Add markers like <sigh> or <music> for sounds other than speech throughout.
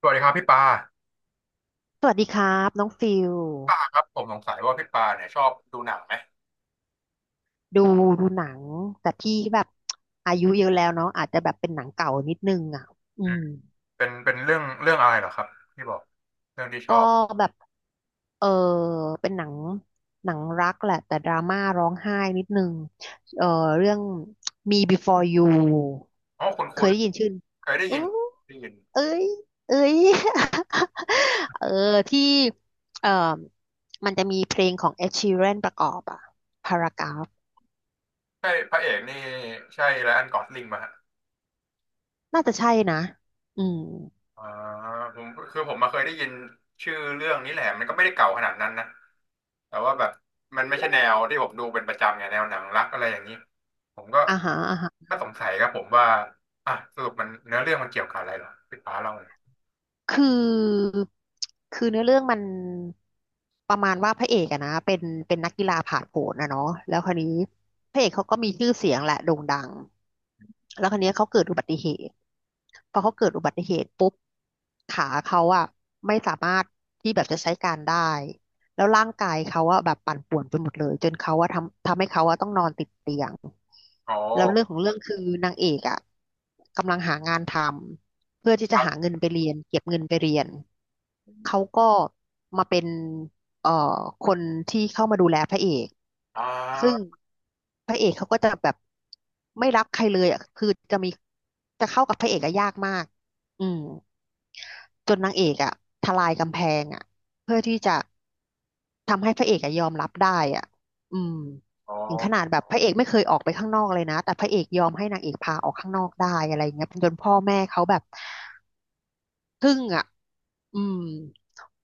สวัสดีครับพี่ปาสวัสดีครับน้องฟิลปาครับผมสงสัยว่าพี่ปาเนี่ยชอบดูหนังไหมดูดูหนังแต่พี่แบบอายุเยอะแล้วเนาะอาจจะแบบเป็นหนังเก่านิดนึงอ่ะอือืมมเป็นเรื่องอะไรเหรอครับที่บอกเรื่องที่ชก็อบแบบเออเป็นหนังรักแหละแต่ดราม่าร้องไห้นิดนึงเออเรื่อง Me Before You อ๋อคุเค้ยนได้ยินชื่อๆเคยได้อู้ยินได้ยินเอ้ยเอ้ย <laughs> เออที่เออมันจะมีเพลงของ Ed Sheeran ประกอบอ่ะ Paragraph ใช่พระเอกนี่ใช่ไรอันกอสลิงมาฮะน่าจะใช่นะอืม อ่าผมคือผมมาเคยได้ยินชื่อเรื่องนี้แหละมันก็ไม่ได้เก่าขนาดนั้นนะแต่ว่าแบบมันไม่ใช่แนวที่ผมดูเป็นประจำไงแนวหนังรักอะไรอย่างนี้ผมก็อ่าฮะอ่าฮะก็สงสัยครับผมว่าอ่ะสรุปมันเนื้อเรื่องมันเกี่ยวกับอะไรเหรอพี่ปาเล่าหน่อยคือคือเนื้อเรื่องมันประมาณว่าพระเอกอะนะเป็นนักกีฬาผาดโผนนะเนาะแล้วคราวนี้พระเอกเขาก็มีชื่อเสียงแหละโด่งดังแล้วคราวนี้เขาเกิดอุบัติเหตุพอเขาเกิดอุบัติเหตุปุ๊บขาเขาอะไม่สามารถที่แบบจะใช้การได้แล้วร่างกายเขาอะแบบปั่นป่วนไปหมดเลยจนเขาอะทำให้เขาอะต้องนอนติดเตียงอ๋อแล้วเรื่องของเรื่องคือนางเอกอะกำลังหางานทำ เพื่อที่คจะหารับเงินไปเรียนเก็บเงินไปเรียนเขาก็มาเป็นเอ่อคนที่เข้ามาดูแลพระเอกอ่ซึ่งา พระเอกเขาก็จะแบบไม่รักใครเลยอ่ะคือจะมีจะเข้ากับพระเอกอะยากมากอืมจนนางเอกอ่ะทลายกำแพงอ่ะเพื่อที่จะทำให้พระเอกอะยอมรับได้อ่ะอืมอ๋อถึงขนาดแบบพระเอกไม่เคยออกไปข้างนอกเลยนะแต่พระเอกยอมให้นางเอกพาออกข้างนอกได้อะไรเงี้ยจนพ่อแม่เขาแบบ พึ่งอ่ะอืม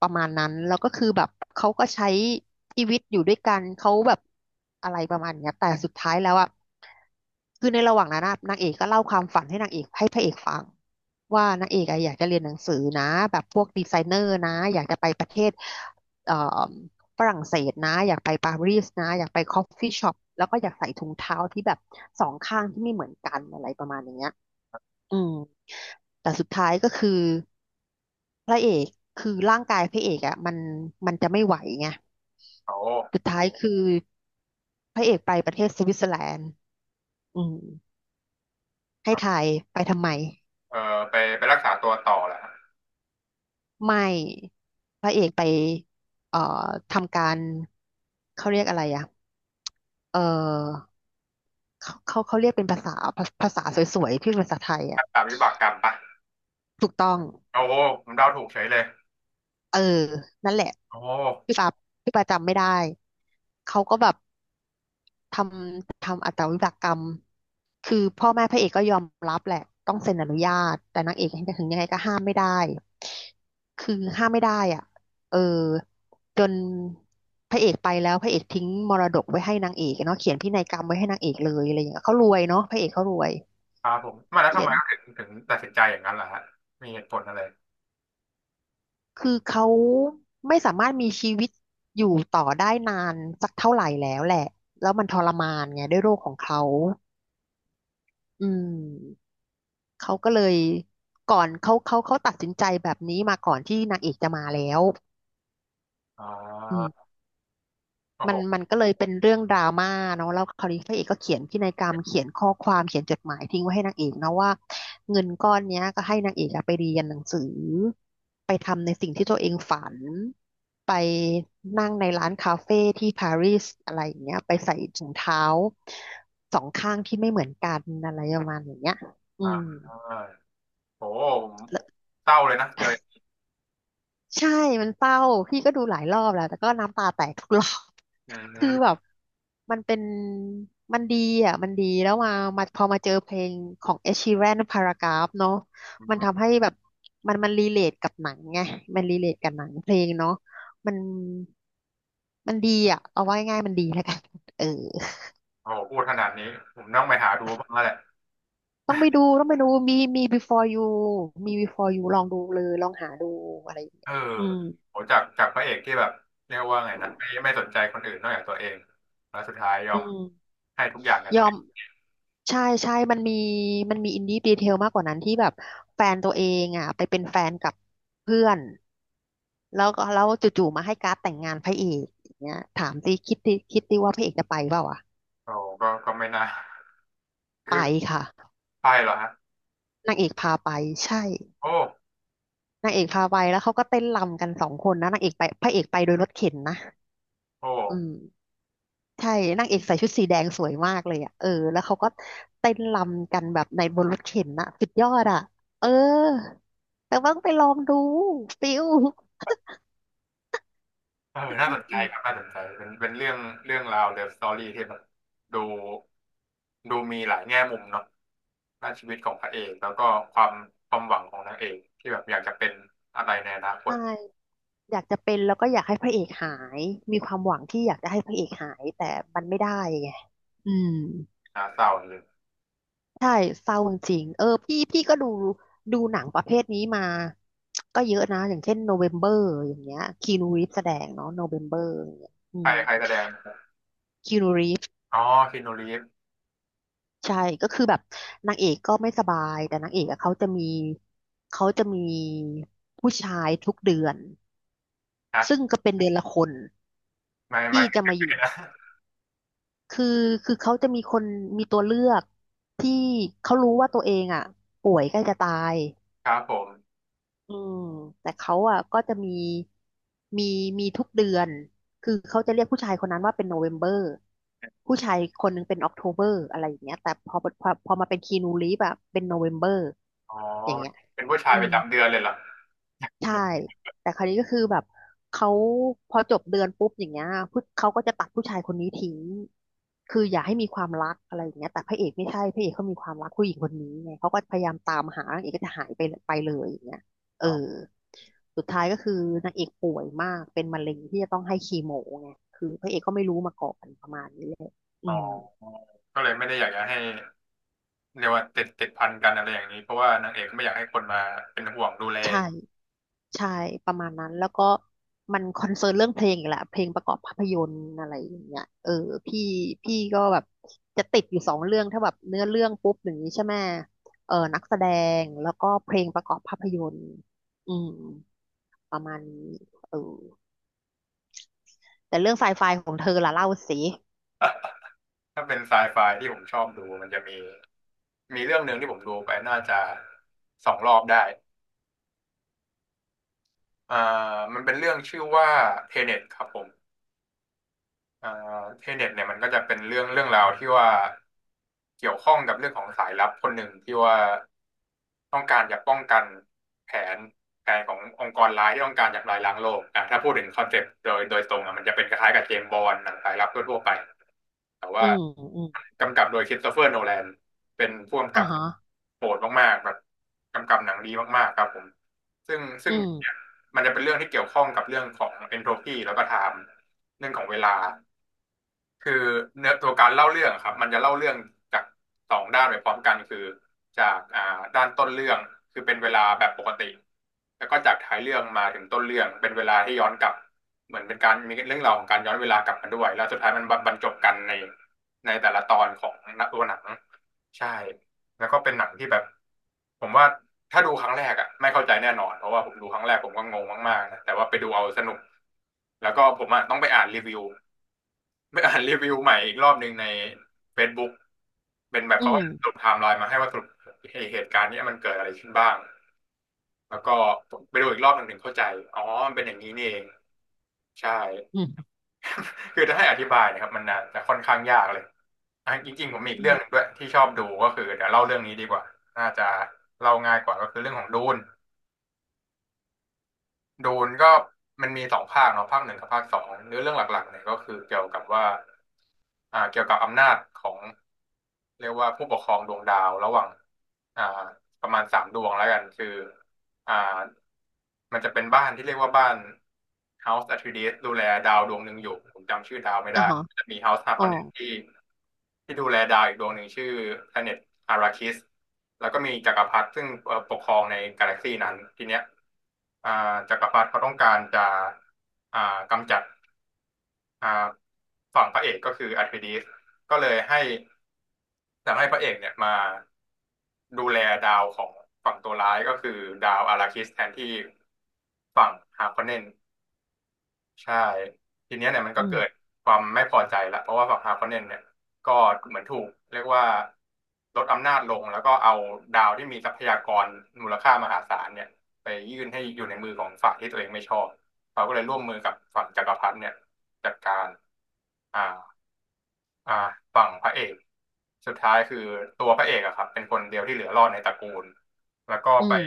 ประมาณนั้นแล้วก็คือแบบเขาก็ใช้ชีวิตอยู่ด้วยกันเขาแบบอะไรประมาณเนี้ยแต่สุดท้ายแล้วอ่ะคือในระหว่างนั้นน่ะนางเอกก็เล่าความฝันให้นางเอกให้พระเอกฟังว่านางเอกอะอยากจะเรียนหนังสือนะแบบพวกดีไซเนอร์นะอยากจะไปประเทศเอ่อฝรั่งเศสนะอยากไปปารีสนะอยากไปคอฟฟี่ช็อปแล้วก็อยากใส่ถุงเท้าที่แบบสองข้างที่ไม่เหมือนกันอะไรประมาณอย่างเงี้ยอืมแต่สุดท้ายก็คือ พระเอกคือร่างกายพระเอกอ่ะมันจะไม่ไหวไงเขาสุดท้ายคือพระเอกไปประเทศสวิตเซอร์แลนด์อืมให้ทายไปทำไมเออไปรักษาตัวต่อแหละไม่พระเอกไปเอ่อทำการเขาเรียกอะไรอ่ะเออเขาเรียกเป็นภาษาภาษาสวยๆที่เป็นภาษาไทยอ่ะรักษาวิบากกรรมปะถูกต้องโอ้โหผมเดาถูกเฉยเลยเออนั่นแหละโอ้โหพี่ปาพี่ปาจำไม่ได้เขาก็แบบ ททำอาตวิบากกรรม คือพ่อแม่พระเอกก็ยอมรับแหละ ต้องเซ็นอนุญาต แต่นางเอกถึงยังไงก็ห้ามไม่ได้คือห้ามไม่ได้อ่ะเออจนพระเอกไปแล้วพระเอกทิ้งมรดกไว้ให้นางเอกเนาะเขียนพินัยกรรมไว้ให้นางเอกเลยอะไรอย่างเงี้ยเขารวยเนาะพระเอกเขารวยครับผมมาแล้วทำเขียไมนถึงตัดสินใจอย่างนั้นล่ะฮะมีเหตุผลอะไรคือเขาไม่สามารถมีชีวิตอยู่ต่อได้นานสักเท่าไหร่แล้วแหละแล้วมันทรมานไงด้วยโรคของเขาอืม เขาก็เลยก่อนเขาตัดสินใจแบบนี้มาก่อนที่นางเอกจะมาแล้วอ๋ออืมโอ้มัโหนมันก็เลยเป็นเรื่องดราม่าเนาะแล้วคราวนี้พระเอกก็เขียนพินัยกรรมเขียนข้อความเขียนจดหมายทิ้งไว้ให้นางเอกนะว่าเงินก้อนเนี้ยก็ให้นางเอกอะไปเรียนหนังสือไปทำในสิ่งที่ตัวเองฝันไปนั่งในร้านคาเฟ่ที่ปารีสอะไรอย่างเงี้ยไปใส่ถุงเท้าสองข้างที่ไม่เหมือนกันอะไรประมาณอย่างเงี้ยอือ่าม อ่าโอ้โหผมเศร้าเลยนะเจอใช่ มันเศร้าพี่ก็ดูหลายรอบแล้ว แต่ก็น้ำตาแตกทุกรอบ อื <laughs> คือแบมบ มันเป็น มันดีอ่ะ มันดี แล้วมาพอมาเจอเพลงของ Ed Sheeran Paragraph เนาะอืมันมทำให้แบบ มันรีเลทกับหนังไงมันรีเลทกับหนังเพลงเนาะมันมันดีอ่ะ เอาไว้ง่ายมันดีแล้วกันเออโอ้โหพูดขนาดนี้ผมต้องไปหาดูบ้างแล้วแหละต้องไปดู ต้องไปดูมี Before You มี Before You ลองดูเลย ลองหาดูอะไรอย่างเอเงี้อยอืมโหจากพระเอกที่แบบเรียกว่าไงนะไม่สนใจคนอื่นนอกจากตัวเองแล้วสุดท้ายยออืมมให้ทุกอย่างกันยทั้องม ใช่ใช่มันมีมีอินดี้ดีเทลมากกว่านั้นที่แบบแฟนตัวเองอ่ะไปเป็นแฟนกับเพื่อนแล้วก็แล้วจู่ๆมาให้การ์ดแต่งงานพระเอกอย่างเงี้ยถามสิคิดดิคิดดิว่าพระเอกจะไปเปล่าวะโอ้ก็ไม่น่าไปคือค่ะไปเหรอฮะ นางเอกพาไปใช่โอ้นางเอกพาไปแล้วเขาก็เต้นรำกันสองคนนะนางเอกไปพระเอกไปโดยรถเข็นนะโอ้อืมใช่นางเอกใส่ชุดสีแดงสวยมากเลยอ่ะเออแล้วเขาก็เต้นรำกันแบบในบนรถเข็นนะสุดยอดอ่ะเออแต่ว่าต้องไปลองดูฟิล เออน่าสนใจอืครับ มน่าสนใจ เป็นเรื่องราวเลิฟสตอรี่ที่แบบดูดูมีหลายแง่มุมเนาะด้านชีวิตของพระเอก แล้วก็ความความหวังของนางเอกที่แบบอยากจะเป็นอะไรในอนาคตใช่อยากจะเป็นแล้วก็อยากให้พระเอกหาย มีความหวังที่อยากจะให้พระเอกหายแต่มันไม่ได้ไงอืมน่าเศร้าเลยใช่เศร้าจริงๆเออพี่ก็ดูหนังประเภทนี้มาก็เยอะนะ อย่างเช่นโนเวมเบอร์อย่างเงี้ยคีนูรีฟแสดงเนาะโนเวมเบอร์อย่างเงี้ยอืใครมใครแสดง อ๋อคีนูรีฟใช่ก็คือแบบนางเอกก็ไม่สบายแต่นางเอกอะเขาจะมีผู้ชายทุกเดือนซึ่งนะก็เป็นเดือนละคนไม่ ที่จะมาอยู่ <laughs> นะคือคือเขาจะมีคนมีตัวเลือกที่เขารู้ว่าตัวเองอ่ะป่วยใกล้จะตายครับผม อืมแต่เขาอ่ะก็จะมีมีทุกเดือนคือเขาจะเรียกผู้ชายคนนั้นว่าเป็นโนเวมเบอร์ผู้ชายคนหนึงเป็นออกโทเบอร์อะไรอย่างเงี้ยแต่พอมาเป็นคีนูรีฟอะเป็นโนเวมเบอร์อ๋อ อย่างเงี้ยเป็นผู้ชาอืยปม ระจำเดือนเลยเหรอใช่ แต่คราวนี้ก็คือแบบเขาพอจบเดือนปุ๊บอย่างเงี้ยผู้เขาก็จะตัดผู้ชายคนนี้ทิ้งคืออย่าให้มีความรักอะไรอย่างเงี้ยแต่พระเอกไม่ใช่พระเอกเขามีความรักผู้หญิงคนนี้ไงเขาก็พยายามตามหานางเอกก็จะหายไปเลยอย่างเงี้ยเอออ๋อสุดท้ายก็คือนางเอกป่วยมากเป็นมะเร็งที่จะต้องให้คีโมไงคือพระเอกก็ไม่รู้มาก่อนประมาณนี้เลยอ๋อืมอ ก็เลยไม่ได้อยากจะให้เรียกว่าติดพันกันอะไรอย่างนี้ เพราะว่านางเอกไม่อยากให้คนมาเป็นห่วงดูแล ใช่ ใช่ประมาณนั้นแล้วก็มันคอนเซิร์นเรื่องเพลงอีกแหละเพลงประกอบภาพยนตร์อะไรอย่างเงี้ยเออพี่พี่ก็แบบจะติดอยู่สองเรื่องถ้าแบบเนื้อเรื่องปุ๊บอย่างนี้ใช่ไหมเออนักแสดงแล้วก็เพลงประกอบภาพยนตร์อืมประมาณนี้เออแต่เรื่องไซไฟของเธอล่ะเล่าสิถ้าเป็นไซไฟที่ผมชอบดูมันจะมีมีเรื่องหนึ่งที่ผมดูไปน่าจะสองรอบได้อ่ามันเป็นเรื่องชื่อว่าเทเน็ตครับผม อ่าเทเน็ตเนี่ยมันก็จะเป็นเรื่องราวที่ว่าเกี่ยวข้องกับเรื่องของสายลับคนหนึ่งที่ว่าต้องการจะป้องกันแผนแผนขององค์กรร้ายที่ต้องการจะทำลายล้างโลกอ่ะถ้าพูดถึงคอนเซปต์โดยตรงอ่ะมันจะเป็นคล้ายๆกับเจมส์บอนด์หนังสายลับทั่วๆไปแต่อืว่ามอืมกำกับโดยคริสโตเฟอร์โนแลนเป็นผู้กำกัอ่ะบฮะโหดมากๆแบบกำกับหนังดีมากๆครับผมซึ่งซึ่อืงมเนี่ยมันจะเป็นเรื่องที่เกี่ยวข้องกับเรื่องของเอนโทรปีแล้วก็ไทม์เรื่องของเวลา คือเนื้อตัวการเล่าเรื่องอะครับมันจะเล่าเรื่องจากสองด้านไปพร้อมกันคือจากอ่าด้านต้นเรื่องคือเป็นเวลาแบบปกติแล้วก็จากท้ายเรื่องมาถึงต้นเรื่องเป็นเวลาที่ย้อนกลับเหมือนเป็นการมีเรื่องราวของการย้อนเวลากลับมาด้วยแล้วสุดท้ายมันบรรจบกันในในแต่ละตอนของตัวหนังใช่แล้วก็เป็นหนังที่แบบผมว่าถ้าดูครั้งแรกอ่ะไม่เข้าใจแน่นอนเพราะว่าผมดูครั้งแรกผมก็งงมากๆนะแต่ว่าไปดูเอาสนุกแล้วก็ผมอะต้องไปอ่านรีวิว ไม่อ่านรีวิวใหม่อีกรอบหนึ่งใน Facebook เป็นแบบอืเขามก็สรุปไทม์ไลน์มาให้ว่าสรุปไอ้เหตุการณ์เนี้ยมันเกิดอะไรขึ้นบ้างแล้วก็ผมไปดูอีกรอบหนึ่งถึงเข้าใจอ๋อมันเป็นอย่างนี้นี่เองใช่อืมคือถ้าให้อธิบายนะครับมันน่าจะค่อนข้างยากเลยอ่ะจริงๆผมมีอีอืกเรื่องหนึงมด้วยที่ชอบดูก็คือเดี๋ยวเล่าเรื่องนี้ดีกว่าน่าจะเล่าง่ายกว่าก็คือเรื่องของดูน ดูนก็มันมีสองภาคเนาะภาคหนึ่งกับภาคสองเนื้อเรื่องหลักๆเนี่ยก็คือเกี่ยวกับว่าอ่าเกี่ยวกับอำนาจของเรียกว่าผู้ปกครองดวงดาวระหว่างอ่าประมาณสามดวงแล้วกันคือ อ่ามันจะเป็นบ้านที่เรียกว่าบ้าน House Atreides ดูแลดาวดวงหนึ่งอยู่ผมจำชื่อดาวไม่อ่ะได้ฮะจะมี House อ๋อ Harkonnen ที่ดูแลดาวอีกดวงหนึ่งชื่อ Planet Arrakis แล้วก็มีจักรพรรดิซึ่งเอ่อปกครองในกาแล็กซีนั้นทีเนี้ยอ่าจักรพรรดิเขาต้องการจะอ่ากำจัดอ่าฝั่งพระเอกก็คืออาร์คิดิสก็เลยให้ แต่ให้พระเอกเนี่ยมาดูแลดาวของฝั่งตัวร้ายก็คือดาวอาราคิสแทนที่ฝั่งฮาร์คอนเนนใช่ทีเนี้ยเนี่ยมันอืก็เกิดมความไม่พอใจละเพราะว่าฝั่งฮาร์คอนเนนเนี่ยก็เหมือนถูกเรียกว่าลดอำนาจลงแล้วก็เอาดาวที่มีทรัพยากรมูลค่ามหาศาลเนี่ยไปยื่นให้อยู่ในมือของฝั่งที่ตัวเองไม่ชอบเขาก็เลยร่วมมือกับฝั่งจักรพรรดิเนี่ยจัดการอ่า อ่าฝั่งพระเอกสุดท้ายคือตัวพระเอกอะครับเป็นคนเดียวที่เหลือรอดในตระกูลแล้วก็อืไปม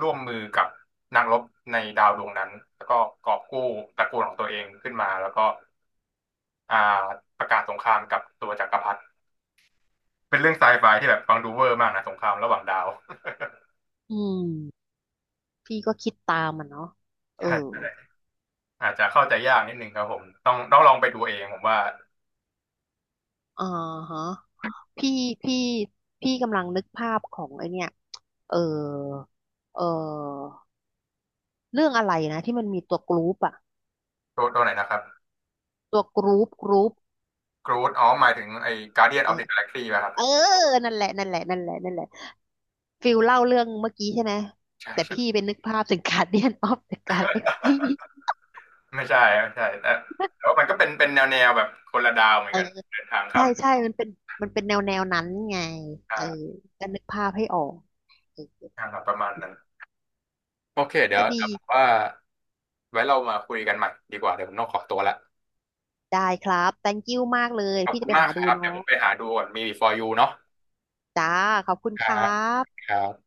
ร่วมมือกับนักรบในดาวดวงนั้นแล้วก็กอบกู้ตระกูลของตัวเองขึ้นมาแล้วก็อ่าประกาศสงครามกับตัวจักรพรรดิเป็นเรื่องไซไฟที่แบบฟังดูเวอร์มากนะสงครามระหว่างดาว อืมพี่ก็คิดตามมันเนาะเออ <laughs> ใช่อาจจะเข้าใจยากนิดนึงครับผมต้องลองไปดูเองผมว่าอ่าฮะ พี่พี่พี่กำลังนึกภาพของไอเนี่ยเออเออเรื่องอะไรนะที่มันมีตัวกรุ๊ปอะตัวไหนนะครับตัวกรุ๊ปกรุ๊ปกรูดอ๋อหมายถึงไอ้ Guardian เออ of the Galaxy ป่ะครับเออ นั่นแหละนั่นแหละนั่นแหละนั่นแหละฟิลเล่าเรื่องเมื่อกี้ใช่ไหมใช่แต่พี่ใช่ เป็นนึกภาพถึงการเดียนออฟเึงการลไม่ใช่แต่แต่ว่ามันก็เป็นแนวแบบคนละดาวเหมือเอนอกันเดินทางข้าใช่มใช่มันเป็นแนวนั้นไงอ่เออาก็นึกภาพให้ออกเออทางทาบประมาณนั้นโอเคเดี๋ยก็วดีเดี๋ยวผมว่าไว้เรามาคุยกันใหม่ดีกว่าเดี๋ยวผมต้องขอตัวละได้ครับ thank you มากเลยขอบพี่คุจะณไปมากหาคดูรับเดี๋ยวผเนาะมไปหาดูก่อนมี for you เนาะจ้าขอบคุณคครับรับครับ